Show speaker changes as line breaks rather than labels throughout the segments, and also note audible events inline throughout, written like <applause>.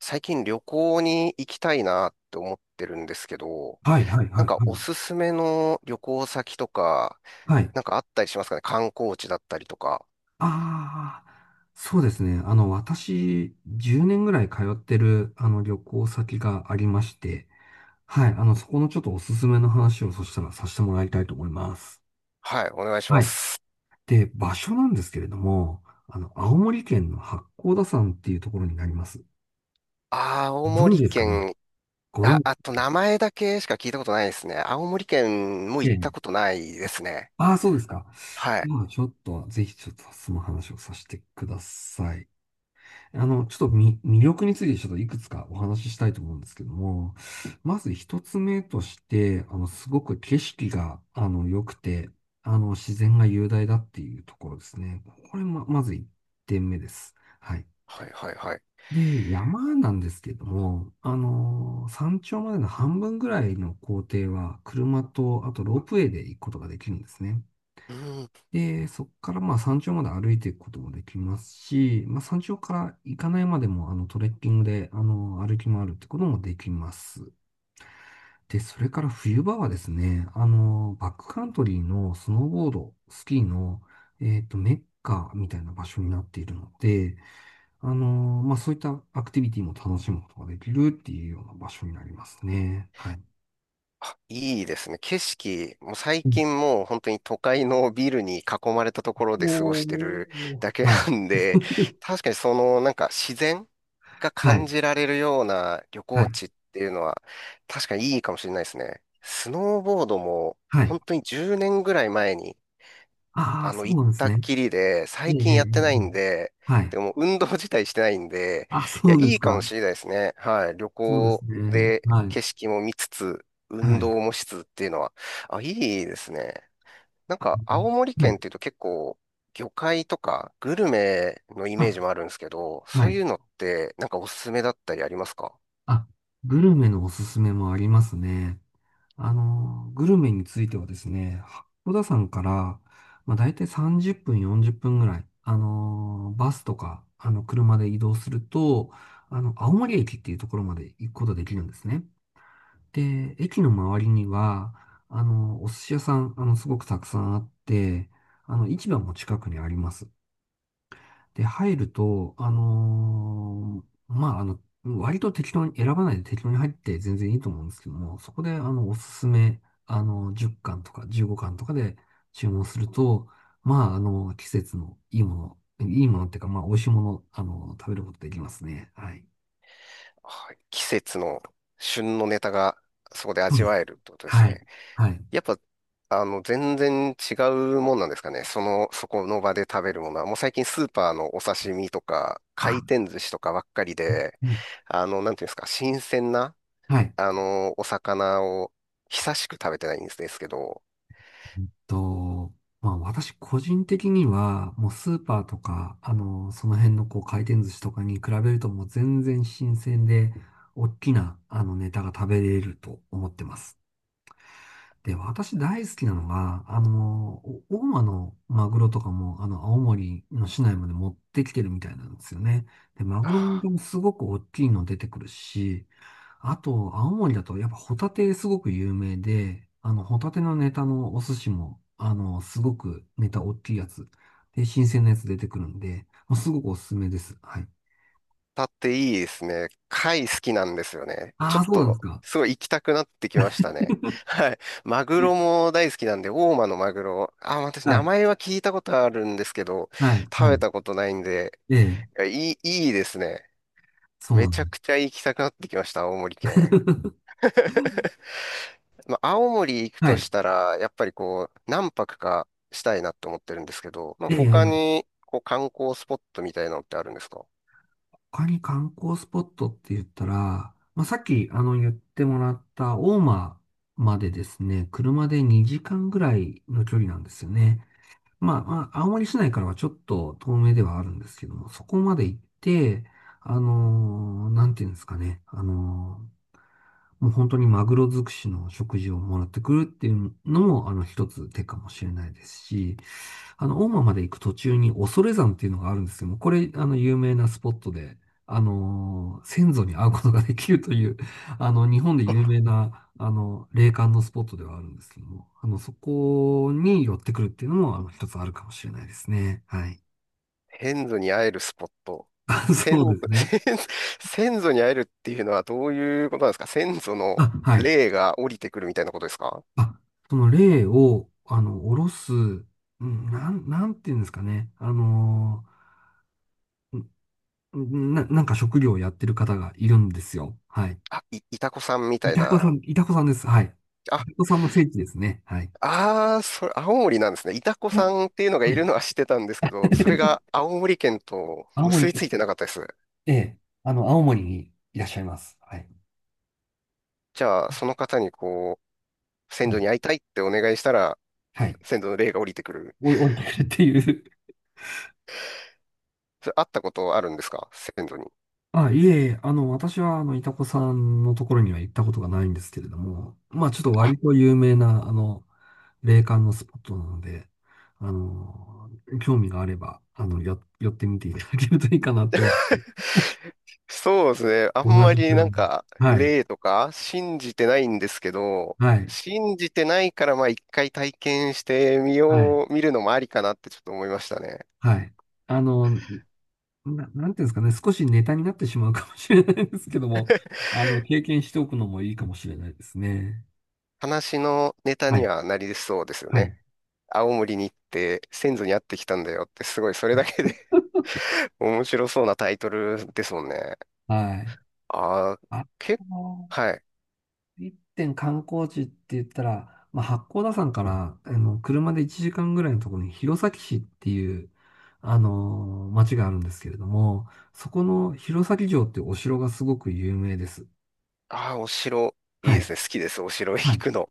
最近旅行に行きたいなって思ってるんですけど、
はいはい
な
は
ん
い
か
は
おす
い。
すめの旅行先とか、
はい。
なんかあったりしますかね、観光地だったりとか。
ああ、そうですね。私、10年ぐらい通ってる、旅行先がありまして、はい。そこのちょっとおすすめの話をそしたらさせてもらいたいと思います。
はい、お願いしま
はい。
す。
で、場所なんですけれども、青森県の八甲田山っていうところになります。
青
ご存知
森
ですかね？
県、
ご存知。
あと名前だけしか聞いたことないですね。青森県も
え
行った
え。
ことないですね。
ああ、そうですか。
はい。
では、ちょっと、ぜひちょっとその話をさせてください。ちょっと魅力についてちょっといくつかお話ししたいと思うんですけども、まず一つ目として、すごく景色が、良くて、自然が雄大だっていうところですね。これま、まず一点目です。はい。
はいはいはい。
で、山なんですけども、山頂までの半分ぐらいの行程は、車と、あとロープウェイで行くことができるんですね。
うん、
で、そこからまあ山頂まで歩いていくこともできますし、まあ山頂から行かないまでもトレッキングで歩き回るってこともできます。で、それから冬場はですね、バックカントリーのスノーボード、スキーの、メッカみたいな場所になっているので、まあそういったアクティビティも楽しむことができるっていうような場所になりますね。はい。
いいですね。景色、もう最
うん。
近もう本当に都会のビルに囲まれたところで過ご
お
してる
ー、
だけ
はい。
なんで、確かにそのなんか自然が
は
感
い。
じられるような旅
はい。
行地っていうのは、確かにいいかもしれないですね。スノーボードも、
はい。
本当に10年ぐらい前に、
ああ、そう
行っ
なんです
たっ
ね。
きりで、
え
最
え、え
近
え、え
やってないん
え。
で、
はい。
でも運動自体してないんで、
あ、
い
そ
や、
うで
い
す
いかも
か。
しれないですね。はい。旅
そうです
行
ね。
で
はい。
景色も見つつ、
は
運
い。
動もしつつっていうのは、いいですね。なん
あ、
か、青森
は
県
い。
っていうと結構、魚介とかグルメのイメージ
あ、
もあるんですけど、
は
そう
い。
いうのって、なんかおすすめだったりありますか？
あ、グルメのおすすめもありますね。グルメについてはですね、小田さんから、まあ、大体30分、40分ぐらい、バスとか、車で移動すると、青森駅っていうところまで行くことができるんですね。で、駅の周りには、お寿司屋さん、すごくたくさんあって、市場も近くにあります。で、入ると、まあ、割と適当に、選ばないで適当に入って全然いいと思うんですけども、そこで、おすすめ、10貫とか15貫とかで注文すると、まあ、季節のいいもの、いいものっていうか、まあ、美味しいもの、食べることできますね。はい。
はい、季節の旬のネタがそこで
そう
味
です。
わえるってことです
はい。
ね。
はい。
やっぱ、全然違うもんなんですかね。その、そこの場で食べるものは、もう最近スーパーのお刺身とか、回
あ、
転寿司とかばっかりで、
うん。
なんていうんですか、新鮮な、
はい。
お魚を久しく食べてないんですけど、
うんと、まあ私個人的には、もうスーパーとか、その辺のこう回転寿司とかに比べるともう全然新鮮で、大きなネタが食べれると思ってます。で、私大好きなのが、お大間のマグロとかも、青森の市内まで持ってきてるみたいなんですよね。で、マ
あ
グロ
ー
もすごく大きいの出てくるし、あと、青森だと、やっぱホタテすごく有名で、ホタテのネタのお寿司も、すごくネタ大きいやつ。で、新鮮なやつ出てくるんで、もうすごくおすすめです。はい。
タっていいですね。貝好きなんですよね。ち
あ
ょ
あ、
っ
そうなんです
と、
か。
すごい行きたくなってきましたね。<laughs> はい。マグロも大好きなんで、大間のマグロ。あ、私、
は
名
い。
前は聞いたことあるんですけど、
はい。は
食べ
い。
たことないんで、
ええ、
いや、いいですね。
そう
め
な
ち
ん
ゃ
で
く
す。
ちゃ行きたくなってきました、青森県。
<laughs>
まあ、青森行く
は
と
い。
したら、やっぱりこう、何泊かしたいなって思ってるんですけど、まあ、
え
他
え、
に、こう、観光スポットみたいなのってあるんですか？
他に観光スポットって言ったら、まあ、さっき、言ってもらった大間までですね、車で2時間ぐらいの距離なんですよね。まあ、まあ青森市内からはちょっと遠目ではあるんですけども、そこまで行って、なんていうんですかね、もう本当にマグロ尽くしの食事をもらってくるっていうのも、一つ手かもしれないですし、大間まで行く途中に恐山っていうのがあるんですけども、これ、有名なスポットで、先祖に会うことができるという、<laughs> 日本で有名な、霊感のスポットではあるんですけども、そこに寄ってくるっていうのも、一つあるかもしれないですね。はい。
先祖に会えるスポット。
<laughs> あ、
先、
そうですね。
<laughs> 先祖に会えるっていうのはどういうことなんですか？先祖の
あ、はい。
霊が降りてくるみたいなことですか？
あ、その霊を、下ろす、なんていうんですかね。ーなんか職業をやってる方がいるんですよ。はい。
あ、いたこさんみた
い
い
たこ
な。
さん、いたこさんです。はい。いた
あ、
こさんの聖地ですね。はい。
ああ、それ、青森なんですね。いたこ
いや、
さんっていうのが
は
いる
い。
のは知ってたんですけど、それが青森県と
青
結びつ
森、
いてなかったです。
ええ、青森にいらっしゃいます。はい。
じゃあ、その方に先
も
祖
う、
に会いたいってお願いしたら、
はい。
先祖の霊が降りてくる。
おい、降りてくるっていう。
それ、会ったことあるんですか、先祖に？
あ、いえいえ、私は、いたこさんのところには行ったことがないんですけれども、まあ、ちょっと
あ、
割と有名な、霊感のスポットなので、あの、興味があれば、寄ってみていただけるといいかなって思
そうですね。あん
う。同
ま
じ
りなん
く。
か、
はい、
霊とか信じてないんですけど、
はい、
信じてないからまあ一回体験してみ
はい、
よう、見るのもありかなってちょっと思いましたね。
はい。あの、なんていうんですかね、少しネタになってしまうかもしれないですけども、<laughs> 経験しておくのもいいかもしれないですね。
話のネタ
は
に
い。
はなりそうですよ
は
ね。
い。
青森に行って先祖に会ってきたんだよってすごいそれだけで <laughs> 面白そうなタイトルですもんね。
はい。
ああ、
あ
結構、
と、
はい。
一点観光地って言ったら、まあ、八甲田山から、車で1時間ぐらいのところに弘前市っていう、町があるんですけれども、そこの弘前城っていうお城がすごく有名です。
ああ、お城、いい
は
で
い。
すね。好きです。お城
は
行
い。
くの。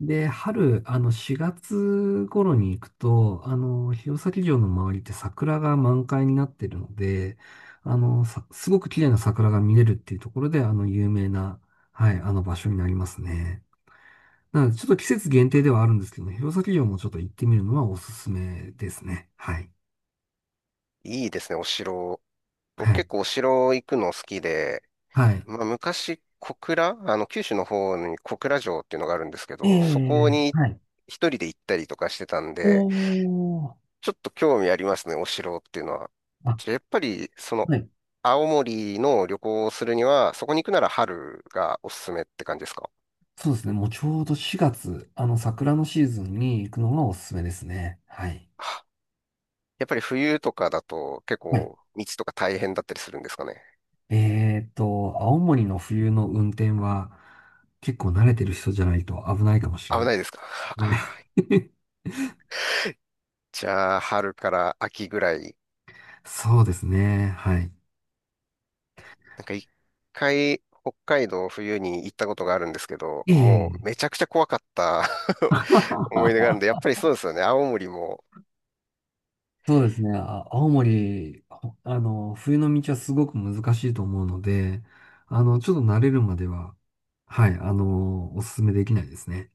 で、春、4月頃に行くと、弘前城の周りって桜が満開になってるので、すごく綺麗な桜が見れるっていうところで、有名な、はい、あの場所になりますね。なので、ちょっと季節限定ではあるんですけども、弘前城もちょっと行ってみるのはおすすめですね。はい。
いいですね、お城。
は
僕
い。
結構お城行くの好きで、
はい。
まあ、昔、小倉、九州の方に小倉城っていうのがあるんですけ
え
ど、そこ
え、
に
はい。
一人で行ったりとかしてたんで、
おー。
ちょっと興味ありますね、お城っていうのは。
あ、
じゃあやっぱり、
はい。
青森の旅行をするには、そこに行くなら春がおすすめって感じですか？
そうですね。もうちょうど4月、桜のシーズンに行くのがおすすめですね。はい。
あ、やっぱり冬とかだと結
はい。
構道とか大変だったりするんですかね。
青森の冬の運転は結構慣れてる人じゃないと危ないかもしれ
危
ない。
ないですか？
はい。
あ。
<laughs>
<laughs> じゃあ、春から秋ぐらい。
そうですね。はい。
なんか一回、北海道冬に行ったことがあるんですけど、
え
もうめ
え。
ちゃくちゃ怖かった <laughs> 思い出があるんで、
<laughs>
やっぱりそうですよね。青森も。
そうですね。あ、青森、冬の道はすごく難しいと思うので、ちょっと慣れるまでは、はい、おすすめできないですね。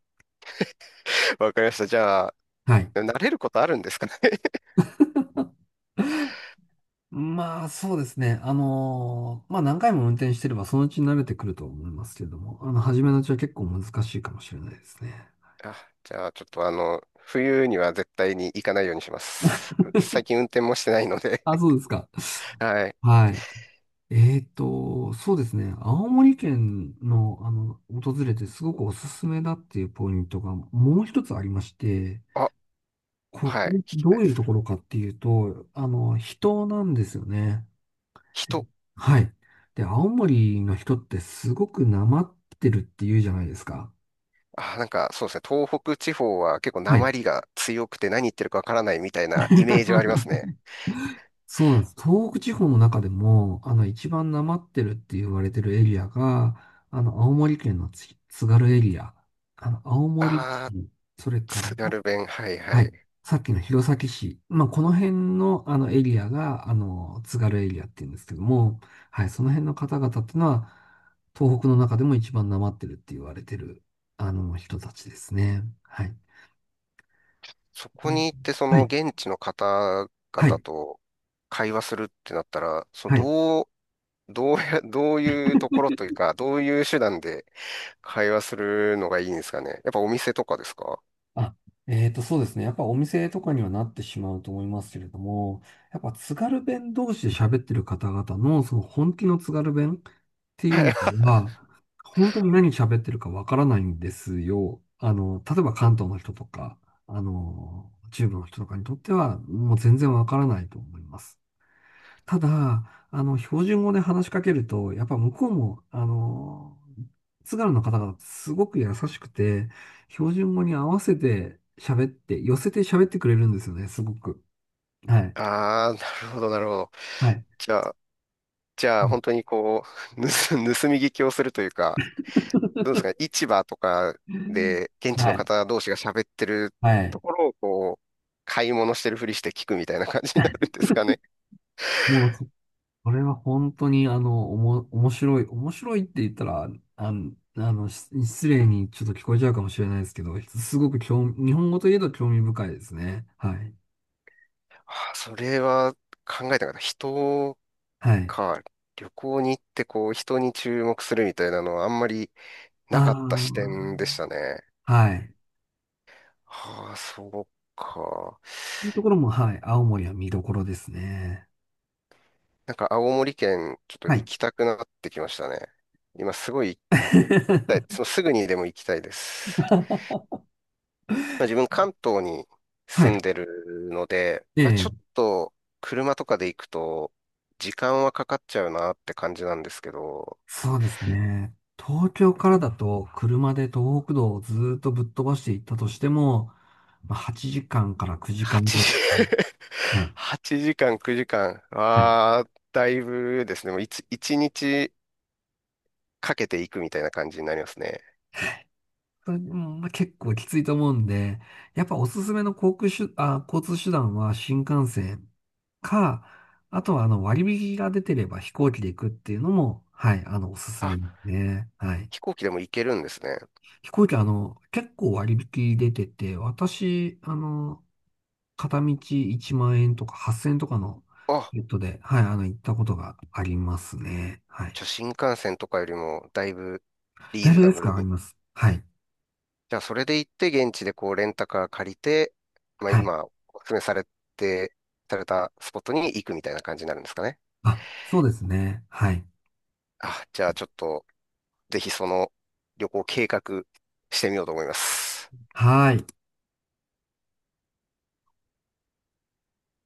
<laughs> わかりました。じゃあ、
はい。
慣れることあるんですかね？ <laughs>
まあ、そうですね。まあ何回も運転してればそのうち慣れてくると思いますけれども、
うん。
初めのうちは結構難しいかもしれないですね。
あ、じゃあ、ちょっと冬には絶対に行かないようにします。最近運転もしてないの
あ、
で
そうですか。
<laughs> はい。
はい。えーと、そうですね。青森県の、訪れてすごくおすすめだっていうポイントがもう一つありまして、
あ、
ここ、
はい。聞きた
ど
い
う
で
いう
す。
ところかっていうと、人なんですよね。
人。
はい。で、青森の人ってすごくなまってるっていうじゃないですか。
あ、なんかそうですね。東北地方は結構
はい。
訛りが強くて何言ってるかわからないみたいなイメージはありますね。
<laughs> そうなんです。東北地方の中でも、一番なまってるって言われてるエリアが、青森県の津軽エリア、青森
あー
市、それから、
津軽弁。はいは
は
い。
い、さっきの弘前市、まあ、この辺の、エリアが、津軽エリアって言うんですけども、はい、その辺の方々っていうのは、東北の中でも一番なまってるって言われてる、人たちですね。はい。
そこ
ね。
に行ってそ
は
の
い。
現地の方
は
々
い。
と会話するってなったら、その
はい。
どう、どうや、<laughs> どういうところというか、どういう手段で会話するのがいいんですかね。やっぱお店とかですか？
あ、えーと、そうですね。やっぱお店とかにはなってしまうと思いますけれども、やっぱ津軽弁同士で喋ってる方々のその本気の津軽弁ってい
はい。
う
<laughs>
のは、本当に何喋ってるかわからないんですよ。例えば関東の人とか、中部の人とかにとっては、もう全然わからないと思います。ただ、標準語で話しかけると、やっぱ向こうも、津軽の方がすごく優しくて、標準語に合わせて喋って、寄せて喋ってくれるんですよね、すごく。はい。
ああ、なるほど、なるほど。
はい。
じゃあ、じゃ
う
あ本
ん。
当にう、盗、<laughs> 盗み聞きをするというか、どうですかね、市場とかで現地
は
の
い。
方同士が喋ってる
は
と
い。
ころを買い物してるふりして聞くみたいな感じになるんですかね。
もう、そそれは本当に、面白い。面白いって言ったら、失礼にちょっと聞こえちゃうかもしれないですけど、すごく興味、日本語といえど興味深いですね。はい。
あ、それは考えたかった。人
はい。
か、旅行に行って人に注目するみたいなのはあんまりなかった
あ
視点でしたね。
あ。はい。
はあ、そうか。
そういうところも、はい。青森は見どころですね。
なんか青森県ちょっと
は
行
い。
きたくなってきましたね。今すごい行きたい。
<laughs>
すぐにでも行きたいです。まあ、自分関東に
は
住ん
い。
でるので、
え
まあ、ち
え、
ょっと車とかで行くと時間はかかっちゃうなって感じなんですけど、
そうですね。東京からだと、車で東北道をずーっとぶっ飛ばしていったとしても、まあ、8時間かんから9時間ぐ
8時、
らいですね。
<laughs>
はい。
8時間、9時間。
はい。
ああ、だいぶですね。もう1、一日かけていくみたいな感じになりますね。
それでもまあ、結構きついと思うんで、やっぱおすすめの航空手、あ、交通手段は新幹線か、あとはあの割引が出てれば飛行機で行くっていうのも、はい、おすすめ
あ、
ですね。はい。
飛行機でも行けるんですね。
飛行機、結構割引出てて、私、片道1万円とか8000円とかのチ
あ、
ケットで、はい、行ったことがありますね。は
じ
い。
ゃあ新幹線とかよりもだいぶリ
だ
ー
い
ズ
ぶ
ナ
安
ブ
く
ル
上がり
に。
ます。はい。
じゃあそれで行って現地でレンタカー借りて、まあ
はい。
今お勧めされて、されたスポットに行くみたいな感じになるんですかね。
あ、そうですね。はい。
あ、じゃあちょっとぜひその旅行計画してみようと思います。
はい。